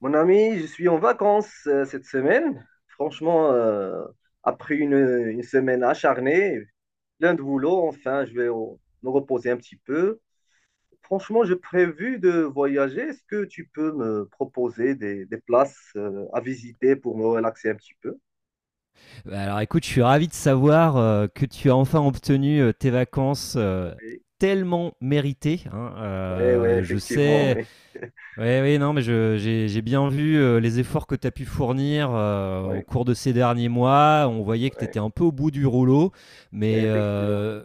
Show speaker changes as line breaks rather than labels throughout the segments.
Mon ami, je suis en vacances cette semaine. Franchement, après une semaine acharnée, plein de boulot, enfin, je vais me reposer un petit peu. Franchement, j'ai prévu de voyager. Est-ce que tu peux me proposer des places à visiter pour me relaxer un petit peu?
Bah, alors écoute, je suis ravi de savoir que tu as enfin obtenu tes vacances
Oui,
tellement méritées, hein.
oui, oui,
Je
effectivement,
sais,
oui.
oui, oui, non, mais j'ai bien vu les efforts que tu as pu fournir au
Oui,
cours de ces derniers mois. On voyait que tu étais
oui,
un peu au bout du rouleau,
oui,
mais
effectivement.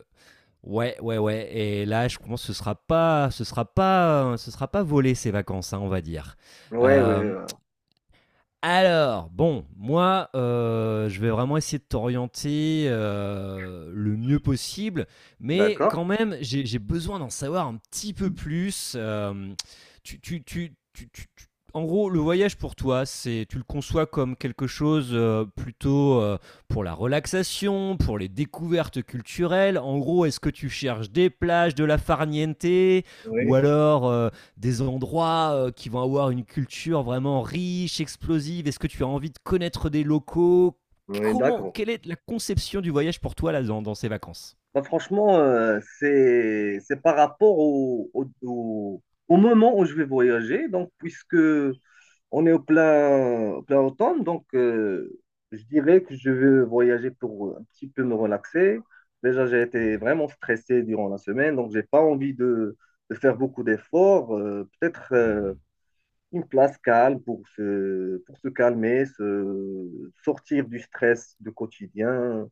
ouais, ouais, ouais. Et là, je pense que ce sera pas volé ces vacances, hein, on va dire.
Oui, oui,
Euh, alors, bon, moi, je vais vraiment essayer de t'orienter le mieux possible, mais
d'accord.
quand même, j'ai besoin d'en savoir un petit peu plus. Tu, tu- tu- tu- tu- tu- En gros, le voyage pour toi, c'est, tu le conçois comme quelque chose plutôt pour la relaxation, pour les découvertes culturelles. En gros, est-ce que tu cherches des plages, de la farniente, ou
Oui,
alors des endroits qui vont avoir une culture vraiment riche, explosive? Est-ce que tu as envie de connaître des locaux?
oui,
Comment,
d'accord.
quelle est la conception du voyage pour toi là dans, dans ces vacances?
Bah, franchement, c'est par rapport au moment où je vais voyager. Donc, puisque on est au plein automne, donc je dirais que je vais voyager pour un petit peu me relaxer. Déjà, j'ai été
Ouais.
vraiment stressé durant la semaine, donc j'ai pas envie de faire beaucoup d'efforts. Peut-être
Mhm.
une place calme pour se calmer, se sortir du stress du quotidien,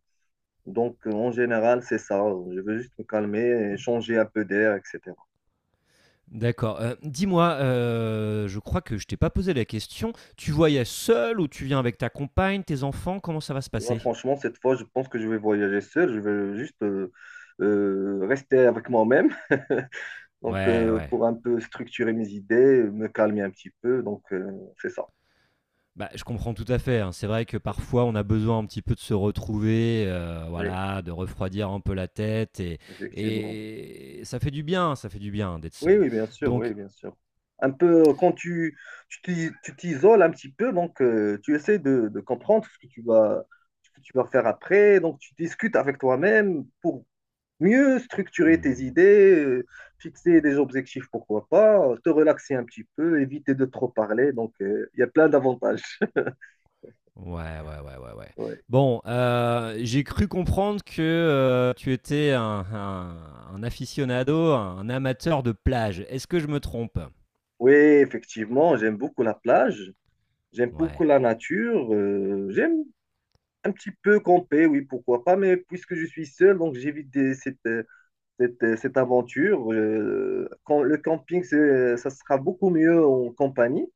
donc, en général, c'est ça. Je veux juste me calmer et changer un peu d'air, etc.
D'accord. Dis-moi, je crois que je t'ai pas posé la question. Tu voyages seul ou tu viens avec ta compagne, tes enfants? Comment ça va se
Là,
passer?
franchement, cette fois, je pense que je vais voyager seul. Je vais juste rester avec moi-même. Donc,
Ouais, ouais.
pour un peu structurer mes idées, me calmer un petit peu. Donc, c'est ça.
Bah, je comprends tout à fait, hein. C'est vrai que parfois on a besoin un petit peu de se retrouver,
Oui,
voilà, de refroidir un peu la tête et
effectivement.
ça fait du bien, ça fait du bien d'être
Oui,
seul.
oui, bien sûr.
Donc
Oui, bien sûr. Un peu, quand tu t'isoles un petit peu, donc tu essaies de comprendre ce que tu vas faire après. Donc, tu discutes avec toi-même pour mieux
mmh
structurer tes
mmh.
idées, fixer des objectifs, pourquoi pas, te relaxer un petit peu, éviter de trop parler. Donc, il y a plein d'avantages.
Ouais, ouais, ouais, ouais, ouais.
Ouais.
Bon, j'ai cru comprendre que, tu étais un un aficionado, un amateur de plage. Est-ce que je me trompe?
Oui, effectivement, j'aime beaucoup la plage, j'aime beaucoup
Ouais.
la nature, j'aime un petit peu camper, oui, pourquoi pas, mais puisque je suis seul, donc j'évite cette aventure. Quand le camping, ça sera beaucoup mieux en compagnie.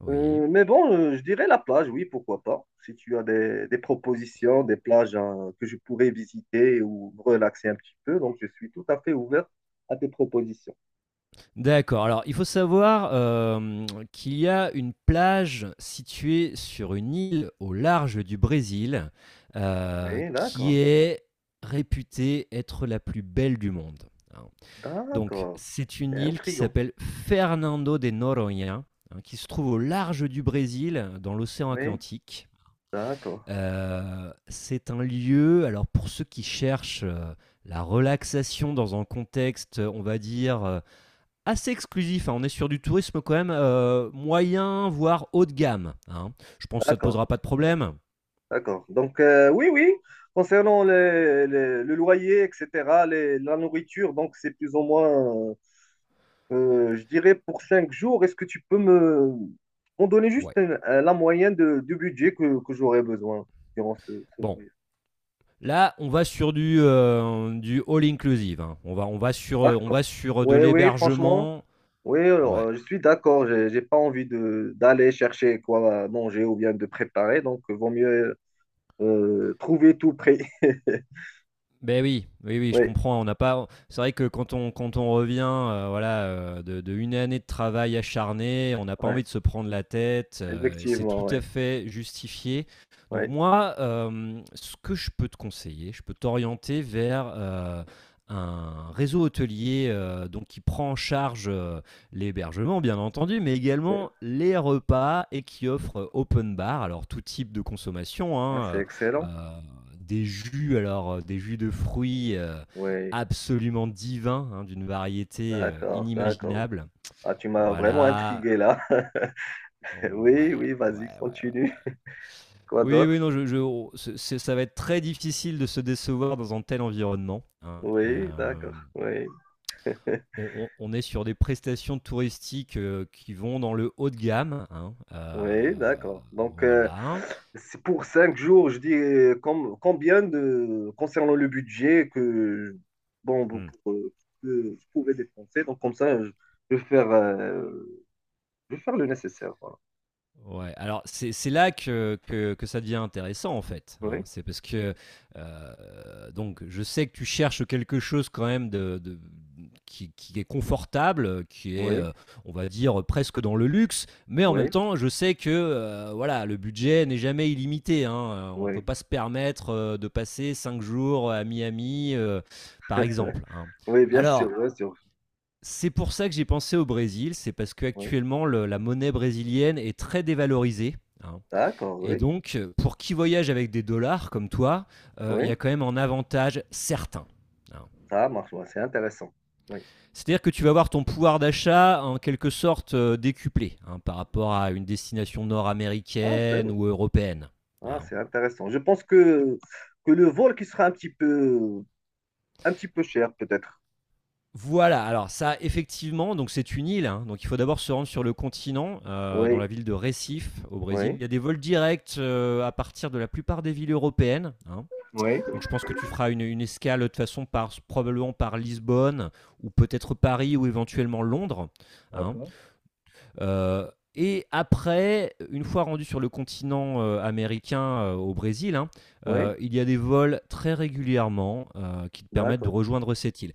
Oui.
Mais bon, je dirais la plage, oui, pourquoi pas. Si tu as des propositions, des plages, hein, que je pourrais visiter ou me relaxer un petit peu, donc je suis tout à fait ouvert à tes propositions.
D'accord. Alors, il faut savoir, hem, qu'il y a une plage située sur une île au large du Brésil,
Oui,
qui
d'accord,
est réputée être la plus belle du monde, hein. Donc
d'accord.
c'est une
C'est
île qui
intriguant.
s'appelle Fernando de Noronha, hein, qui se trouve au large du Brésil, dans l'océan
Oui,
Atlantique.
d'accord,
C'est un lieu alors pour ceux qui cherchent, la relaxation dans un contexte, on va dire, assez exclusif, hein. On est sur du tourisme quand même moyen, voire haut de gamme, hein. Je pense que ça ne te
d'accord,
posera pas de problème.
d'accord. Donc, oui, oui, concernant le loyer, etc., la nourriture, donc c'est plus ou moins je dirais pour cinq jours. Est-ce que tu peux me m'en donner juste
Ouais.
la moyenne du budget que j'aurais besoin durant ce
Bon.
voyage?
Là, on va sur du all inclusive, hein. On
D'accord.
va sur de
Oui, oui, franchement,
l'hébergement.
oui, alors,
Ouais.
je suis d'accord. J'ai pas envie de d'aller chercher quoi à manger ou bien de préparer, donc vaut mieux trouver tout prêt.
Ben oui, oui, oui, je
Oui,
comprends. On n'a pas. C'est vrai que quand on revient, voilà, de une année de travail acharné, on n'a pas
ouais,
envie de se prendre la tête. C'est
effectivement,
tout
oui.
à fait justifié. Donc
Ouais.
moi, ce que je peux te conseiller, je peux t'orienter vers un réseau hôtelier donc qui prend en charge l'hébergement, bien entendu, mais
Ouais.
également les repas et qui offre open bar, alors tout type de consommation,
Ah, c'est
hein,
excellent.
euh, des jus, alors, des jus de fruits,
Oui,
absolument divins, hein, d'une variété,
d'accord, d'accord.
inimaginable.
Ah, tu m'as vraiment
Voilà.
intrigué là.
Ouais,
Oui, oui,
ouais,
vas-y,
ouais, ouais,
continue.
ouais.
Quoi
Oui,
d'autre?
oui, non, je on c'est ça va être très difficile de se décevoir dans un tel environnement, hein.
Oui, d'accord. Oui,
On est sur des prestations touristiques, qui vont dans le haut de gamme, hein,
oui, d'accord. Donc,
voilà.
c'est pour cinq jours, je dis, combien de, concernant le budget que, bon, vous,
Mmh.
que vous pouvez dépenser. Donc, comme ça, je vais faire, euh, je vais faire le nécessaire. Voilà.
Ouais, alors c'est là que ça devient intéressant, en fait, hein.
Oui,
C'est parce que, heu, donc je sais que tu cherches quelque chose quand même de qui est confortable, qui est,
oui,
on va dire, presque dans le luxe, mais en même
oui,
temps, je sais que, voilà, le budget n'est jamais illimité, hein, on peut
oui.
pas se permettre, de passer 5 jours, à Miami, par exemple, hein.
Oui, bien sûr,
Alors
bien sûr.
c'est pour ça que j'ai pensé au Brésil, c'est parce
Oui,
qu'actuellement la monnaie brésilienne est très dévalorisée, hein.
d'accord,
Et
oui,
donc, pour qui voyage avec des dollars comme toi, il y
oui,
a quand même un avantage certain, hein.
ça marche, ouais, c'est intéressant. Oui,
C'est-à-dire que tu vas voir ton pouvoir d'achat en quelque sorte décuplé, hein, par rapport à une destination
ah, c'est
nord-américaine
vrai.
ou européenne,
Ah,
hein.
c'est intéressant. Je pense que le vol qui sera un petit peu cher, peut-être.
Voilà, alors ça, effectivement, donc c'est une île, hein, donc il faut d'abord se rendre sur le continent, dans
Oui,
la ville de Recife, au Brésil.
oui,
Il y a des vols directs à partir de la plupart des villes européennes, hein.
oui.
Donc je pense que tu feras une escale de toute façon par, probablement par Lisbonne, ou peut-être Paris, ou éventuellement Londres, hein.
D'accord.
Euh, et après, une fois rendu sur le continent américain, au Brésil, hein,
Oui,
il y a des vols très régulièrement qui te permettent de
d'accord,
rejoindre cette île.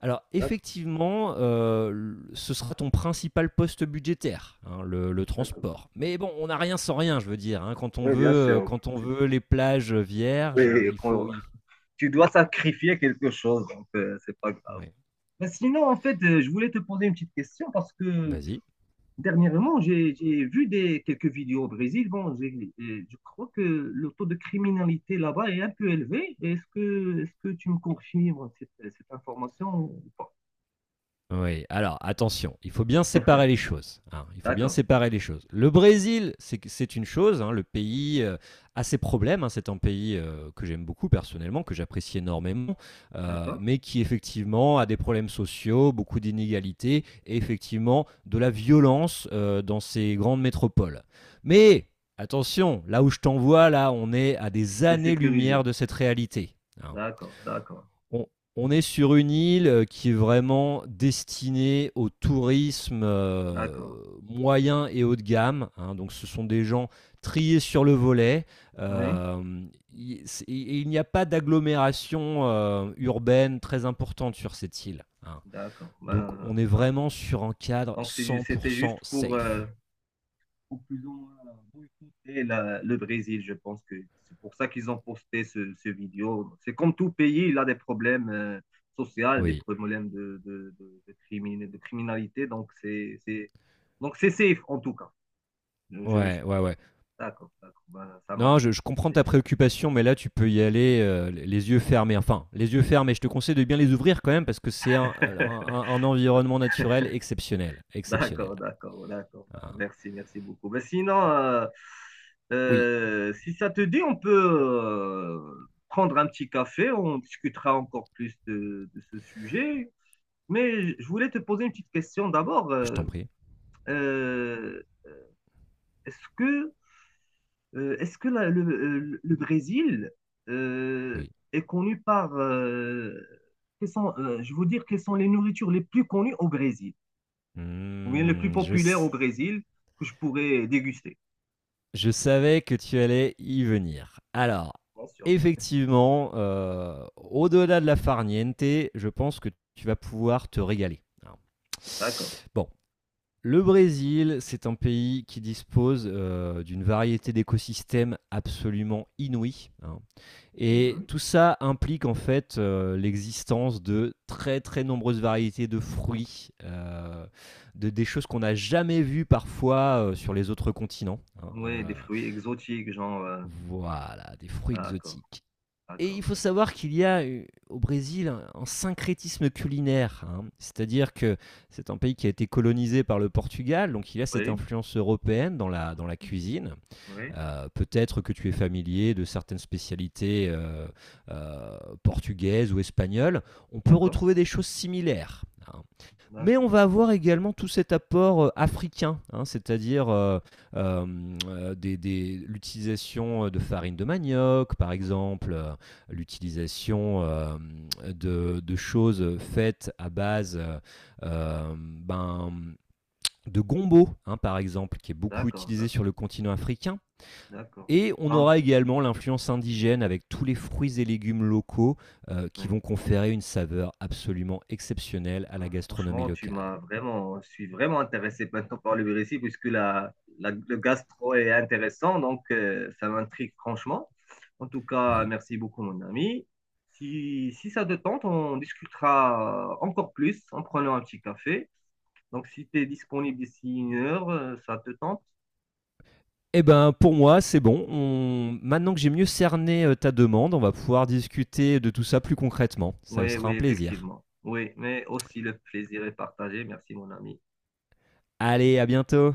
Alors
d'accord,
effectivement, ce sera ton principal poste budgétaire, hein, le
d'accord.
transport. Mais bon, on n'a rien sans rien, je veux dire, hein.
Oui, bien sûr.
Quand on
Tu,
veut les plages vierges,
oui,
il faut.
tu dois sacrifier quelque chose, donc c'est pas grave.
Ouais.
Mais sinon, en fait, je voulais te poser une petite question parce que
Vas-y.
dernièrement, j'ai vu quelques vidéos au Brésil. Bon, et je crois que le taux de criminalité là-bas est un peu élevé. Est-ce que tu me confirmes cette information ou pas?
Oui, alors attention, il faut bien séparer les choses, hein, il faut bien
D'accord,
séparer les choses. Le Brésil, c'est une chose, hein, le pays a ses problèmes, hein, c'est un pays que j'aime beaucoup personnellement, que j'apprécie énormément,
d'accord.
mais qui effectivement a des problèmes sociaux, beaucoup d'inégalités et effectivement de la violence dans ses grandes métropoles. Mais attention, là où je t'envoie, là, on est à des
C'est
années-lumière
sécurisé.
de cette réalité, hein.
D'accord, d'accord.
On, on est sur une île qui est vraiment destinée au tourisme
D'accord.
moyen et haut de gamme, hein. Donc, ce sont des gens triés sur le volet.
Oui,
Euh, il n'y a pas d'agglomération urbaine très importante sur cette île, hein.
d'accord.
Donc,
Ben,
on est
ça marche.
vraiment sur un cadre
Donc, c'était juste
100% safe.
pour plus ou moins boycotter le Brésil. Je pense que c'est pour ça qu'ils ont posté ce vidéo. C'est comme tout pays, il a des problèmes sociaux, des
Oui.
problèmes de criminalité. Donc, c'est safe en tout cas. Je, je- je-
Ouais, ouais, ouais.
d'accord, d'accord. Ben, ça
Non,
marche.
je comprends
C'est
ta
génial.
préoccupation, mais là, tu peux y aller les yeux fermés. Enfin, les yeux fermés, je te conseille de bien les ouvrir quand même parce que c'est un environnement naturel exceptionnel. Exceptionnel.
D'accord, d'accord, d'accord. Bah,
Ah.
Merci, merci beaucoup. Ben, sinon,
Oui,
si ça te dit, on peut prendre un petit café, on discutera encore plus de ce sujet. Mais je voulais te poser une petite question d'abord.
je t'en prie.
Euh, est-ce que, est-ce que le Brésil euh,
Oui.
est connu quelles sont, je veux dire, quelles sont les nourritures les plus connues au Brésil, ou bien les plus
Hmm, je,
populaires au
s-
Brésil que je pourrais déguster?
je savais que tu allais y venir. Alors,
Bien sûr.
effectivement, au-delà de la farniente, je pense que tu vas pouvoir te régaler, hein.
D'accord.
Bon, le Brésil, c'est un pays qui dispose d'une variété d'écosystèmes absolument inouïe, hein. Et
Mhm.
tout ça implique en fait l'existence de très très nombreuses variétés de fruits, des choses qu'on n'a jamais vues parfois sur les autres continents, hein.
Oui, des fruits exotiques, genre.
Voilà, des fruits
D'accord,
exotiques. Et
d'accord,
il faut
d'accord.
savoir qu'il y a au Brésil un syncrétisme culinaire, hein, c'est-à-dire que c'est un pays qui a été colonisé par le Portugal, donc il y a cette
Oui,
influence européenne dans la cuisine.
oui,
Peut-être que tu es familier de certaines spécialités euh, portugaises ou espagnoles. On peut
d'accord,
retrouver des choses similaires, hein. Mais on
d'accord,
va avoir également tout cet apport africain, hein, c'est-à-dire euh, l'utilisation de farine de manioc, par
oui,
exemple, l'utilisation de choses faites à base ben, de gombo, hein, par exemple, qui est beaucoup
d'accord,
utilisé
d'accord,
sur le continent africain.
d'accord.
Et on
Quand-
aura également l'influence indigène avec tous les fruits et légumes locaux qui
oui.
vont conférer une saveur absolument exceptionnelle à la
Bah,
gastronomie
franchement,
locale.
je suis vraiment intéressé maintenant par le Brésil, puisque le gastro est intéressant, donc ça m'intrigue franchement. En tout cas,
Oui.
merci beaucoup, mon ami. Si ça te tente, on discutera encore plus en prenant un petit café. Donc, si tu es disponible d'ici une heure, ça te tente?
Eh ben, pour moi, c'est bon. Maintenant que j'ai mieux cerné ta demande, on va pouvoir discuter de tout ça plus concrètement. Ça
Oui,
sera un
oui,
plaisir.
effectivement. Oui, mais aussi le plaisir est partagé. Merci, mon ami.
Allez, à bientôt.